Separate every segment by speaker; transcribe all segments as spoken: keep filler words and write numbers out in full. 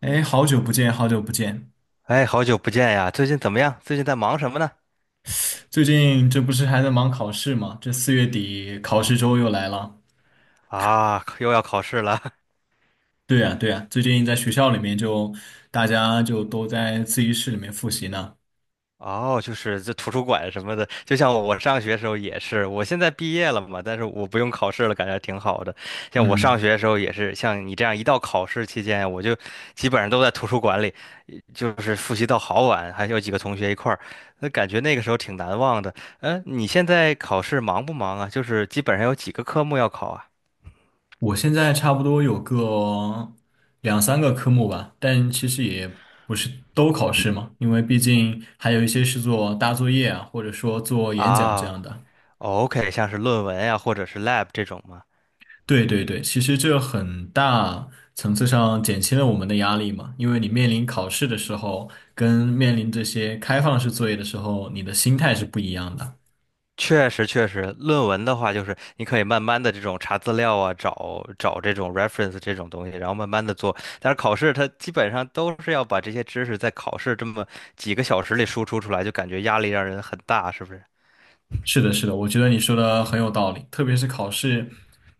Speaker 1: 哎，好久不见，好久不见。
Speaker 2: 哎，好久不见呀！最近怎么样？最近在忙什么呢？
Speaker 1: 最近这不是还在忙考试吗？这四月底考试周又来了。
Speaker 2: 啊，又要考试了。
Speaker 1: 对呀，对呀，最近在学校里面就大家就都在自习室里面复习呢。
Speaker 2: 哦，就是这图书馆什么的，就像我上学时候也是，我现在毕业了嘛，但是我不用考试了，感觉挺好的。像我上
Speaker 1: 嗯，
Speaker 2: 学的时候也是，像你这样一到考试期间，我就基本上都在图书馆里，就是复习到好晚，还有几个同学一块儿，那感觉那个时候挺难忘的。嗯，你现在考试忙不忙啊？就是基本上有几个科目要考啊？
Speaker 1: 我现在差不多有个两三个科目吧，但其实也不是都考试嘛，因为毕竟还有一些是做大作业啊，或者说做
Speaker 2: 啊。
Speaker 1: 演讲这样的。
Speaker 2: 哦 OK，像是论文呀，或者是 lab 这种吗？
Speaker 1: 对对对，其实这很大层次上减轻了我们的压力嘛，因为你面临考试的时候，跟面临这些开放式作业的时候，你的心态是不一样的。
Speaker 2: 确实，确实，论文的话，就是你可以慢慢的这种查资料啊，找找这种 reference 这种东西，然后慢慢的做。但是考试它基本上都是要把这些知识在考试这么几个小时里输出出来，就感觉压力让人很大，是不是？
Speaker 1: 是的，是的，我觉得你说的很有道理，特别是考试，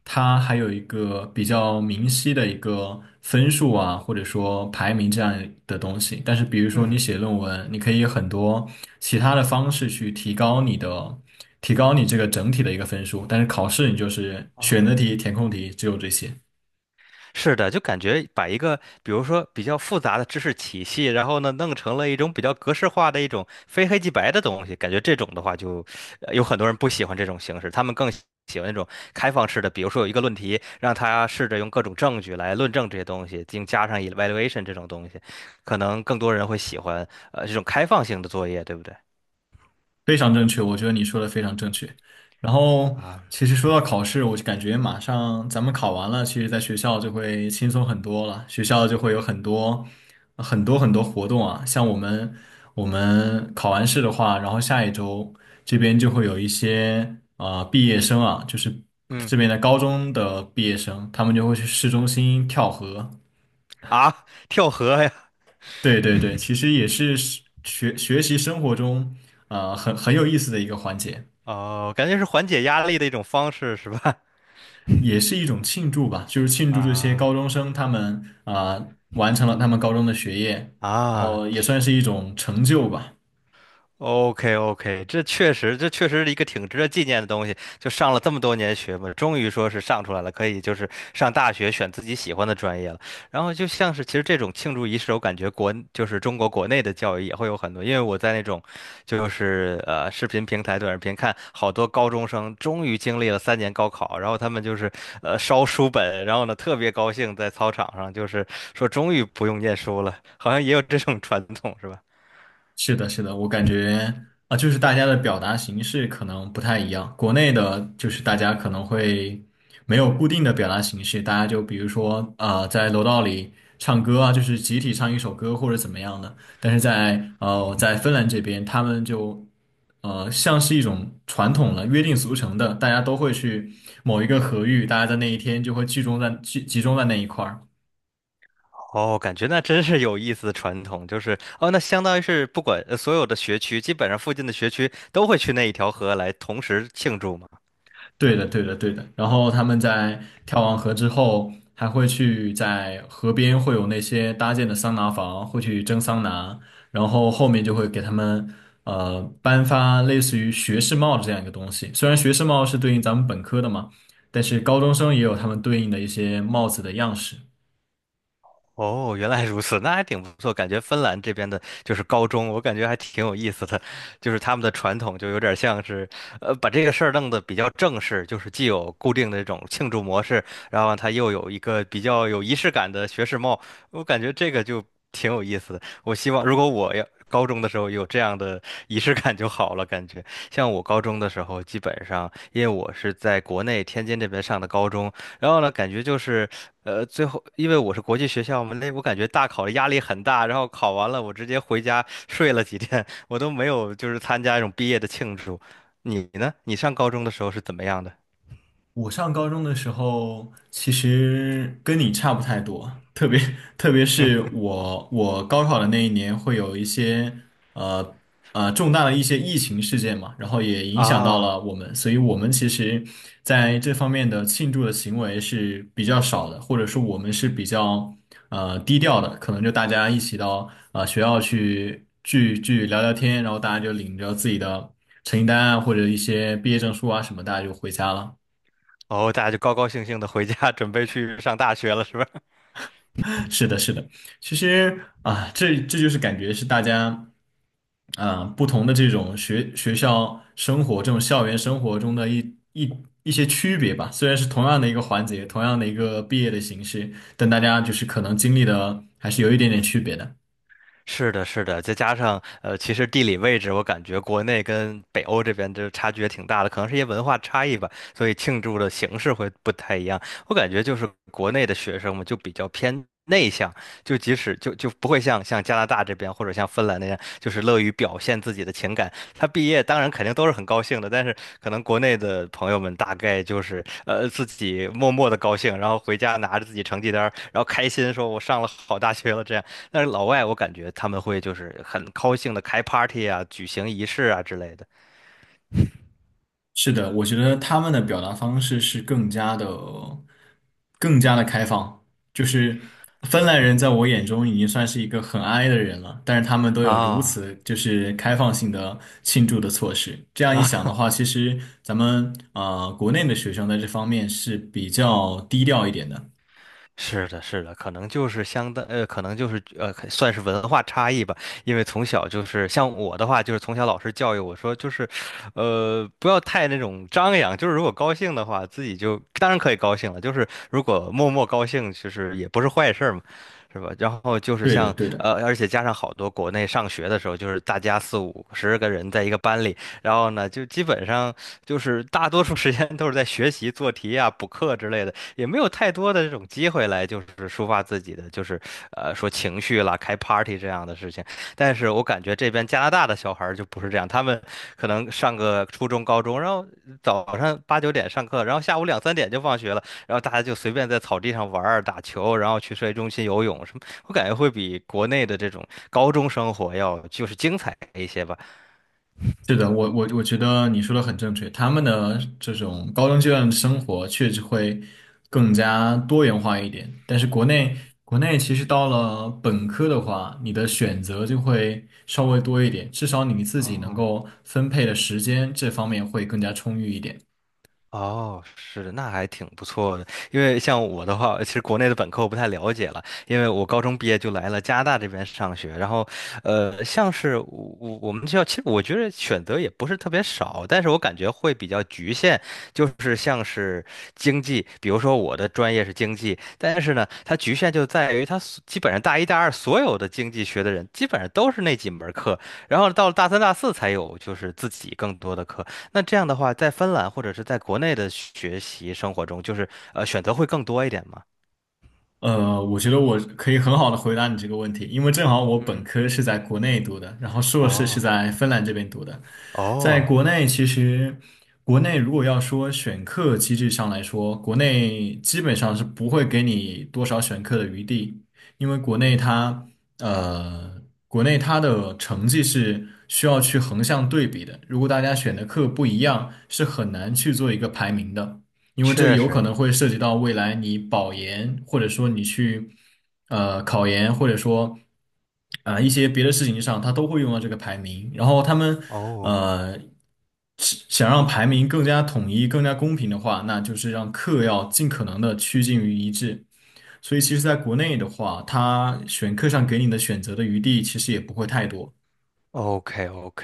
Speaker 1: 它还有一个比较明晰的一个分数啊，或者说排名这样的东西。但是，比如说你
Speaker 2: 嗯，
Speaker 1: 写论文，你可以有很多其他的方式去提高你的，提高你这个整体的一个分数。但是考试你就是选择
Speaker 2: 啊。
Speaker 1: 题、填空题，只有这些。
Speaker 2: 是的，就感觉把一个，比如说比较复杂的知识体系，然后呢，弄成了一种比较格式化的一种非黑即白的东西，感觉这种的话就，呃有很多人不喜欢这种形式，他们更喜喜欢那种开放式的，比如说有一个论题，让他试着用各种证据来论证这些东西，并加上 evaluation 这种东西，可能更多人会喜欢呃这种开放性的作业，对不对？
Speaker 1: 非常正确，我觉得你说的非常正确。然后，
Speaker 2: 啊，
Speaker 1: 其实说到考试，我就感觉马上咱们考完了，其实在学校就会轻松很多了。学校就会有很多很多很多活动啊，像我们我们考完试的话，然后下一周这边就会有一些啊毕业生啊，就是
Speaker 2: 嗯，
Speaker 1: 这边的高中的毕业生，他们就会去市中心跳河。
Speaker 2: 啊，跳河呀，
Speaker 1: 对对对，其实也是学学习生活中啊很很有意思的一个环节。
Speaker 2: 哦，感觉是缓解压力的一种方式，是吧？
Speaker 1: 也是一种庆祝吧，就是庆 祝这些高
Speaker 2: 啊。
Speaker 1: 中生他们啊、完成了他们高中的学业，然
Speaker 2: 啊，
Speaker 1: 后也算是一种成就吧。
Speaker 2: OK OK，这确实，这确实是一个挺值得纪念的东西。就上了这么多年学嘛，终于说是上出来了，可以就是上大学选自己喜欢的专业了。然后就像是其实这种庆祝仪式，我感觉国就是中国国内的教育也会有很多，因为我在那种就是呃视频平台、短视频看好多高中生终于经历了三年高考，然后他们就是呃烧书本，然后呢特别高兴在操场上，就是说终于不用念书了，好像也有这种传统是吧？
Speaker 1: 是的，是的，我感觉啊，就是大家的表达形式可能不太一样。国内的，就是大家可能会没有固定的表达形式，大家就比如说，啊，在楼道里唱歌啊，就是集体唱一首歌或者怎么样的。但是在呃，在芬兰这边，他们就呃，像是一种传统了，约定俗成的，大家都会去某一个合域，大家在那一天就会集中在集集中在那一块儿。
Speaker 2: 哦，感觉那真是有意思的传统，就是哦，那相当于是不管呃所有的学区，基本上附近的学区都会去那一条河来同时庆祝嘛。
Speaker 1: 对的，对的，对的。然后他们在跳完河之后，还会去在河边会有那些搭建的桑拿房，会去蒸桑拿，然后后面就会给他们呃颁发类似于学士帽的这样一个东西。虽然学士帽是对应咱们本科的嘛，但是高中生也有他们对应的一些帽子的样式。
Speaker 2: 哦，原来如此，那还挺不错。感觉芬兰这边的就是高中，我感觉还挺有意思的，就是他们的传统就有点像是，呃，把这个事儿弄得比较正式，就是既有固定的这种庆祝模式，然后它又有一个比较有仪式感的学士帽，我感觉这个就挺有意思的。我希望如果我要高中的时候有这样的仪式感就好了，感觉像我高中的时候，基本上因为我是在国内天津这边上的高中，然后呢，感觉就是，呃，最后因为我是国际学校嘛，那我感觉大考的压力很大，然后考完了我直接回家睡了几天，我都没有就是参加一种毕业的庆祝。你呢？你上高中的时候是怎么样的？
Speaker 1: 我上高中的时候，其实跟你差不太多，特别 特别是我我高考的那一年，会有一些呃呃重大的一些疫情事件嘛，然后也影响到
Speaker 2: 啊，
Speaker 1: 了我们，所以我们其实在这方面的庆祝的行为是比较少的，或者说我们是比较呃低调的，可能就大家一起到呃学校去聚聚聊聊天，然后大家就领着自己的成绩单啊或者一些毕业证书啊什么，大家就回家了。
Speaker 2: 哦，大家就高高兴兴的回家准备去上大学了，是吧？
Speaker 1: 是的，是的，其实啊，这这就是感觉是大家啊不同的这种学学校生活、这种校园生活中的一一一些区别吧。虽然是同样的一个环节，同
Speaker 2: 嗯，
Speaker 1: 样的一个毕业的形式，但大家就是可能经历的还是有一点点区别的。
Speaker 2: 是的，是的，再加上呃，其实地理位置，我感觉国内跟北欧这边就差距也挺大的，可能是一些文化差异吧，所以庆祝的形式会不太一样。我感觉就是国内的学生们就比较偏内向，就即使就就不会像像加拿大这边或者像芬兰那样，就是乐于表现自己的情感。他毕业当然肯定都是很高兴的，但是可能国内的朋友们大概就是呃自己默默的高兴，然后回家拿着自己成绩单儿然后开心说我上了好大学了这样。但是老外我感觉他们会就是很高兴的开 party 啊，举行仪式啊之类的
Speaker 1: 是的，我觉得他们的表达方式是更加的、更加的开放。就是芬兰人在我眼中已经算是一个很 i 的人了，但是他们都有如
Speaker 2: 啊。
Speaker 1: 此就是开放性的庆祝的措施。这样一
Speaker 2: 啊，
Speaker 1: 想的话，其实咱们啊，国内的学生在这方面是比较低调一点的。
Speaker 2: 是的，是的，可能就是相当，呃，可能就是呃，可算是文化差异吧。因为从小就是像我的话，就是从小老师教育我说，就是，呃，不要太那种张扬。就是如果高兴的话，自己就当然可以高兴了。就是如果默默高兴，其实也不是坏事儿嘛，是吧？然后就是
Speaker 1: 对的，
Speaker 2: 像
Speaker 1: 对的。
Speaker 2: 呃，而且加上好多国内上学的时候，就是大家四五十个人在一个班里。然后呢，就基本上就是大多数时间都是在学习、做题啊、补课之类的，也没有太多的这种机会来就是抒发自己的，就是呃说情绪啦、开 party 这样的事情。但是我感觉这边加拿大的小孩儿就不是这样，他们可能上个初中、高中，然后早上八九点上课，然后下午两三点就放学了，然后大家就随便在草地上玩儿、打球，然后去社区中心游泳什么，我感觉会比国内的这种高中生活要就是精彩一些吧。
Speaker 1: 是的，我我我觉得你说的很正确。他们的这种高中阶段的生活确实会更加多元化一点，但是国内国内其实到了本科的话，你的选择就会稍微多一点，至少你自己能
Speaker 2: 哦
Speaker 1: 够分配的时间这方面会更加充裕一点。
Speaker 2: 哦，是，那还挺不错的。因为像我的话，其实国内的本科我不太了解了，因为我高中毕业就来了加拿大这边上学。然后，呃，像是我我我们学校，其实我觉得选择也不是特别少，但是我感觉会比较局限，就是像是经济，比如说我的专业是经济，但是呢，它局限就在于它所基本上大一大二所有的经济学的人基本上都是那几门课，然后到了大三大四才有就是自己更多的课。那这样的话，在芬兰或者是在国内的学习生活中，就是呃选择会更多一点吗？
Speaker 1: 呃，我觉得我可以很好的回答你这个问题，因为正好我
Speaker 2: 嗯
Speaker 1: 本
Speaker 2: 嗯
Speaker 1: 科是在国内读的，然后硕士是
Speaker 2: 哦
Speaker 1: 在芬兰这边读的。在
Speaker 2: 哦，
Speaker 1: 国内，其实国内如果要说选课机制上来说，国内基本上是不会给你多少选课的余地，因为国内
Speaker 2: 嗯，
Speaker 1: 它呃，国内它的成绩是需要去横向对比的，如果大家选的课不一样，是很难去做一个排名的。因为这
Speaker 2: 确
Speaker 1: 有可
Speaker 2: 实
Speaker 1: 能会涉及到未来你保研，或者说你去呃考研，或者说啊、呃一些别的事情上，他都会用到这个排名。然后他们
Speaker 2: 哦
Speaker 1: 呃是想让排名更加统一、更加公平的话，那就是让课要尽可能的趋近于一致。所以其实在国内的话，他选课上给你的选择的余地其实也不会太多。
Speaker 2: ，OK OK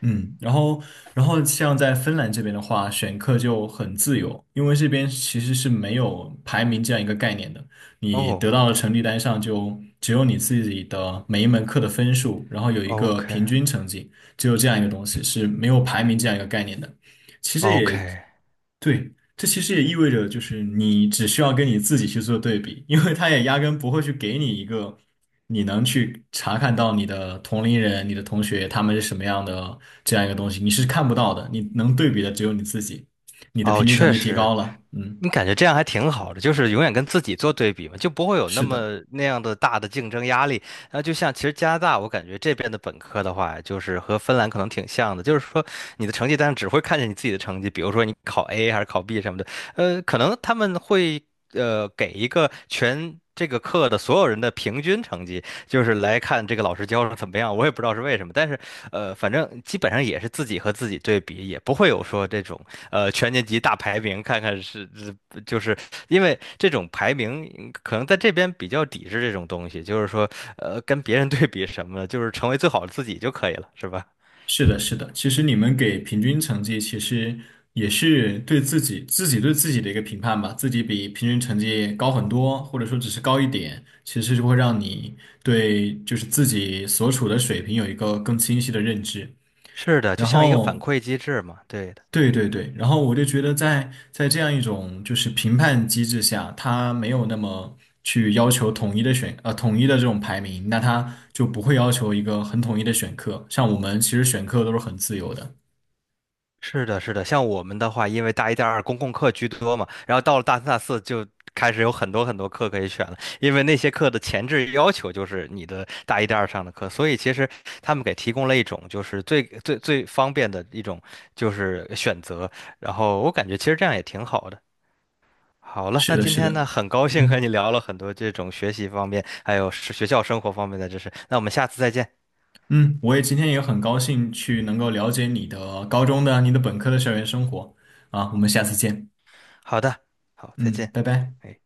Speaker 1: 嗯，然后，然后像在芬兰这边的话，选课就很自由，因为这边其实是没有排名这样一个概念的。你得
Speaker 2: 哦
Speaker 1: 到的
Speaker 2: OK
Speaker 1: 成绩单上就只有你自己的每一门课的分数，然后有一个
Speaker 2: OK
Speaker 1: 平均成绩，只有这样一个东西，是没有排名这样一个概念的。其实
Speaker 2: OK
Speaker 1: 也对，这其实也意味着，就是你只需要跟你自己去做对比，因为他也压根不会去给你一个你能去查看到你的同龄人、你的同学他们是什么样的这样一个东西，你是看不到的，你能对比的只有你自己，你的
Speaker 2: 哦，
Speaker 1: 平均成
Speaker 2: 确
Speaker 1: 绩提
Speaker 2: 实
Speaker 1: 高了，嗯，
Speaker 2: 你感觉这样还挺好的，就是永远跟自己做对比嘛，就不会有那
Speaker 1: 是
Speaker 2: 么
Speaker 1: 的。
Speaker 2: 那样的大的竞争压力。然后就像其实加拿大，我感觉这边的本科的话，就是和芬兰可能挺像的，就是说你的成绩单上只会看见你自己的成绩，比如说你考 A 还是考 B 什么的，呃，可能他们会呃给一个全。这个课的所有人的平均成绩，就是来看这个老师教的怎么样。我也不知道是为什么，但是，呃，反正基本上也是自己和自己对比，也不会有说这种呃全年级大排名，看看是就是因为这种排名嗯可能在这边比较抵制这种东西，就是说，呃，跟别人对比什么的，就是成为最好的自己就可以了，是吧？
Speaker 1: 是的，是的，其实你们给平均成绩，其实也是对自己自己对自己的一个评判吧。自己比平均成绩高很多，或者说只是高一点，其实就会让你对就是自己所处的水平有一个更清晰的认知。
Speaker 2: 是的，就
Speaker 1: 然
Speaker 2: 像一个反
Speaker 1: 后，
Speaker 2: 馈机制嘛，对的，
Speaker 1: 对对对，然后我就觉得在在这样一种就是评判机制下，它没有那么去要求统一的选呃统一的这种排名，那他就不会要求一个很统一的选课。像我们其实选课都是很自由的。
Speaker 2: 是的，是的。像我们的话，因为大一、大二公共课居多嘛，然后到了大三、大四就开始有很多很多课可以选了，因为那些课的前置要求就是你的大一、大二上的课，所以其实他们给提供了一种就是最最最方便的一种就是选择，然后我感觉其实这样也挺好的。好了，
Speaker 1: 是
Speaker 2: 那
Speaker 1: 的，
Speaker 2: 今
Speaker 1: 是
Speaker 2: 天
Speaker 1: 的，
Speaker 2: 呢，很高兴和
Speaker 1: 嗯
Speaker 2: 你聊了很多这种学习方面，还有是学校生活方面的知识。那我们下次再见。
Speaker 1: 嗯，我也今天也很高兴去能够了解你的高中的、你的本科的校园生活啊，我们下次见，
Speaker 2: 好的，好，再
Speaker 1: 嗯，
Speaker 2: 见。
Speaker 1: 拜拜。
Speaker 2: 哎。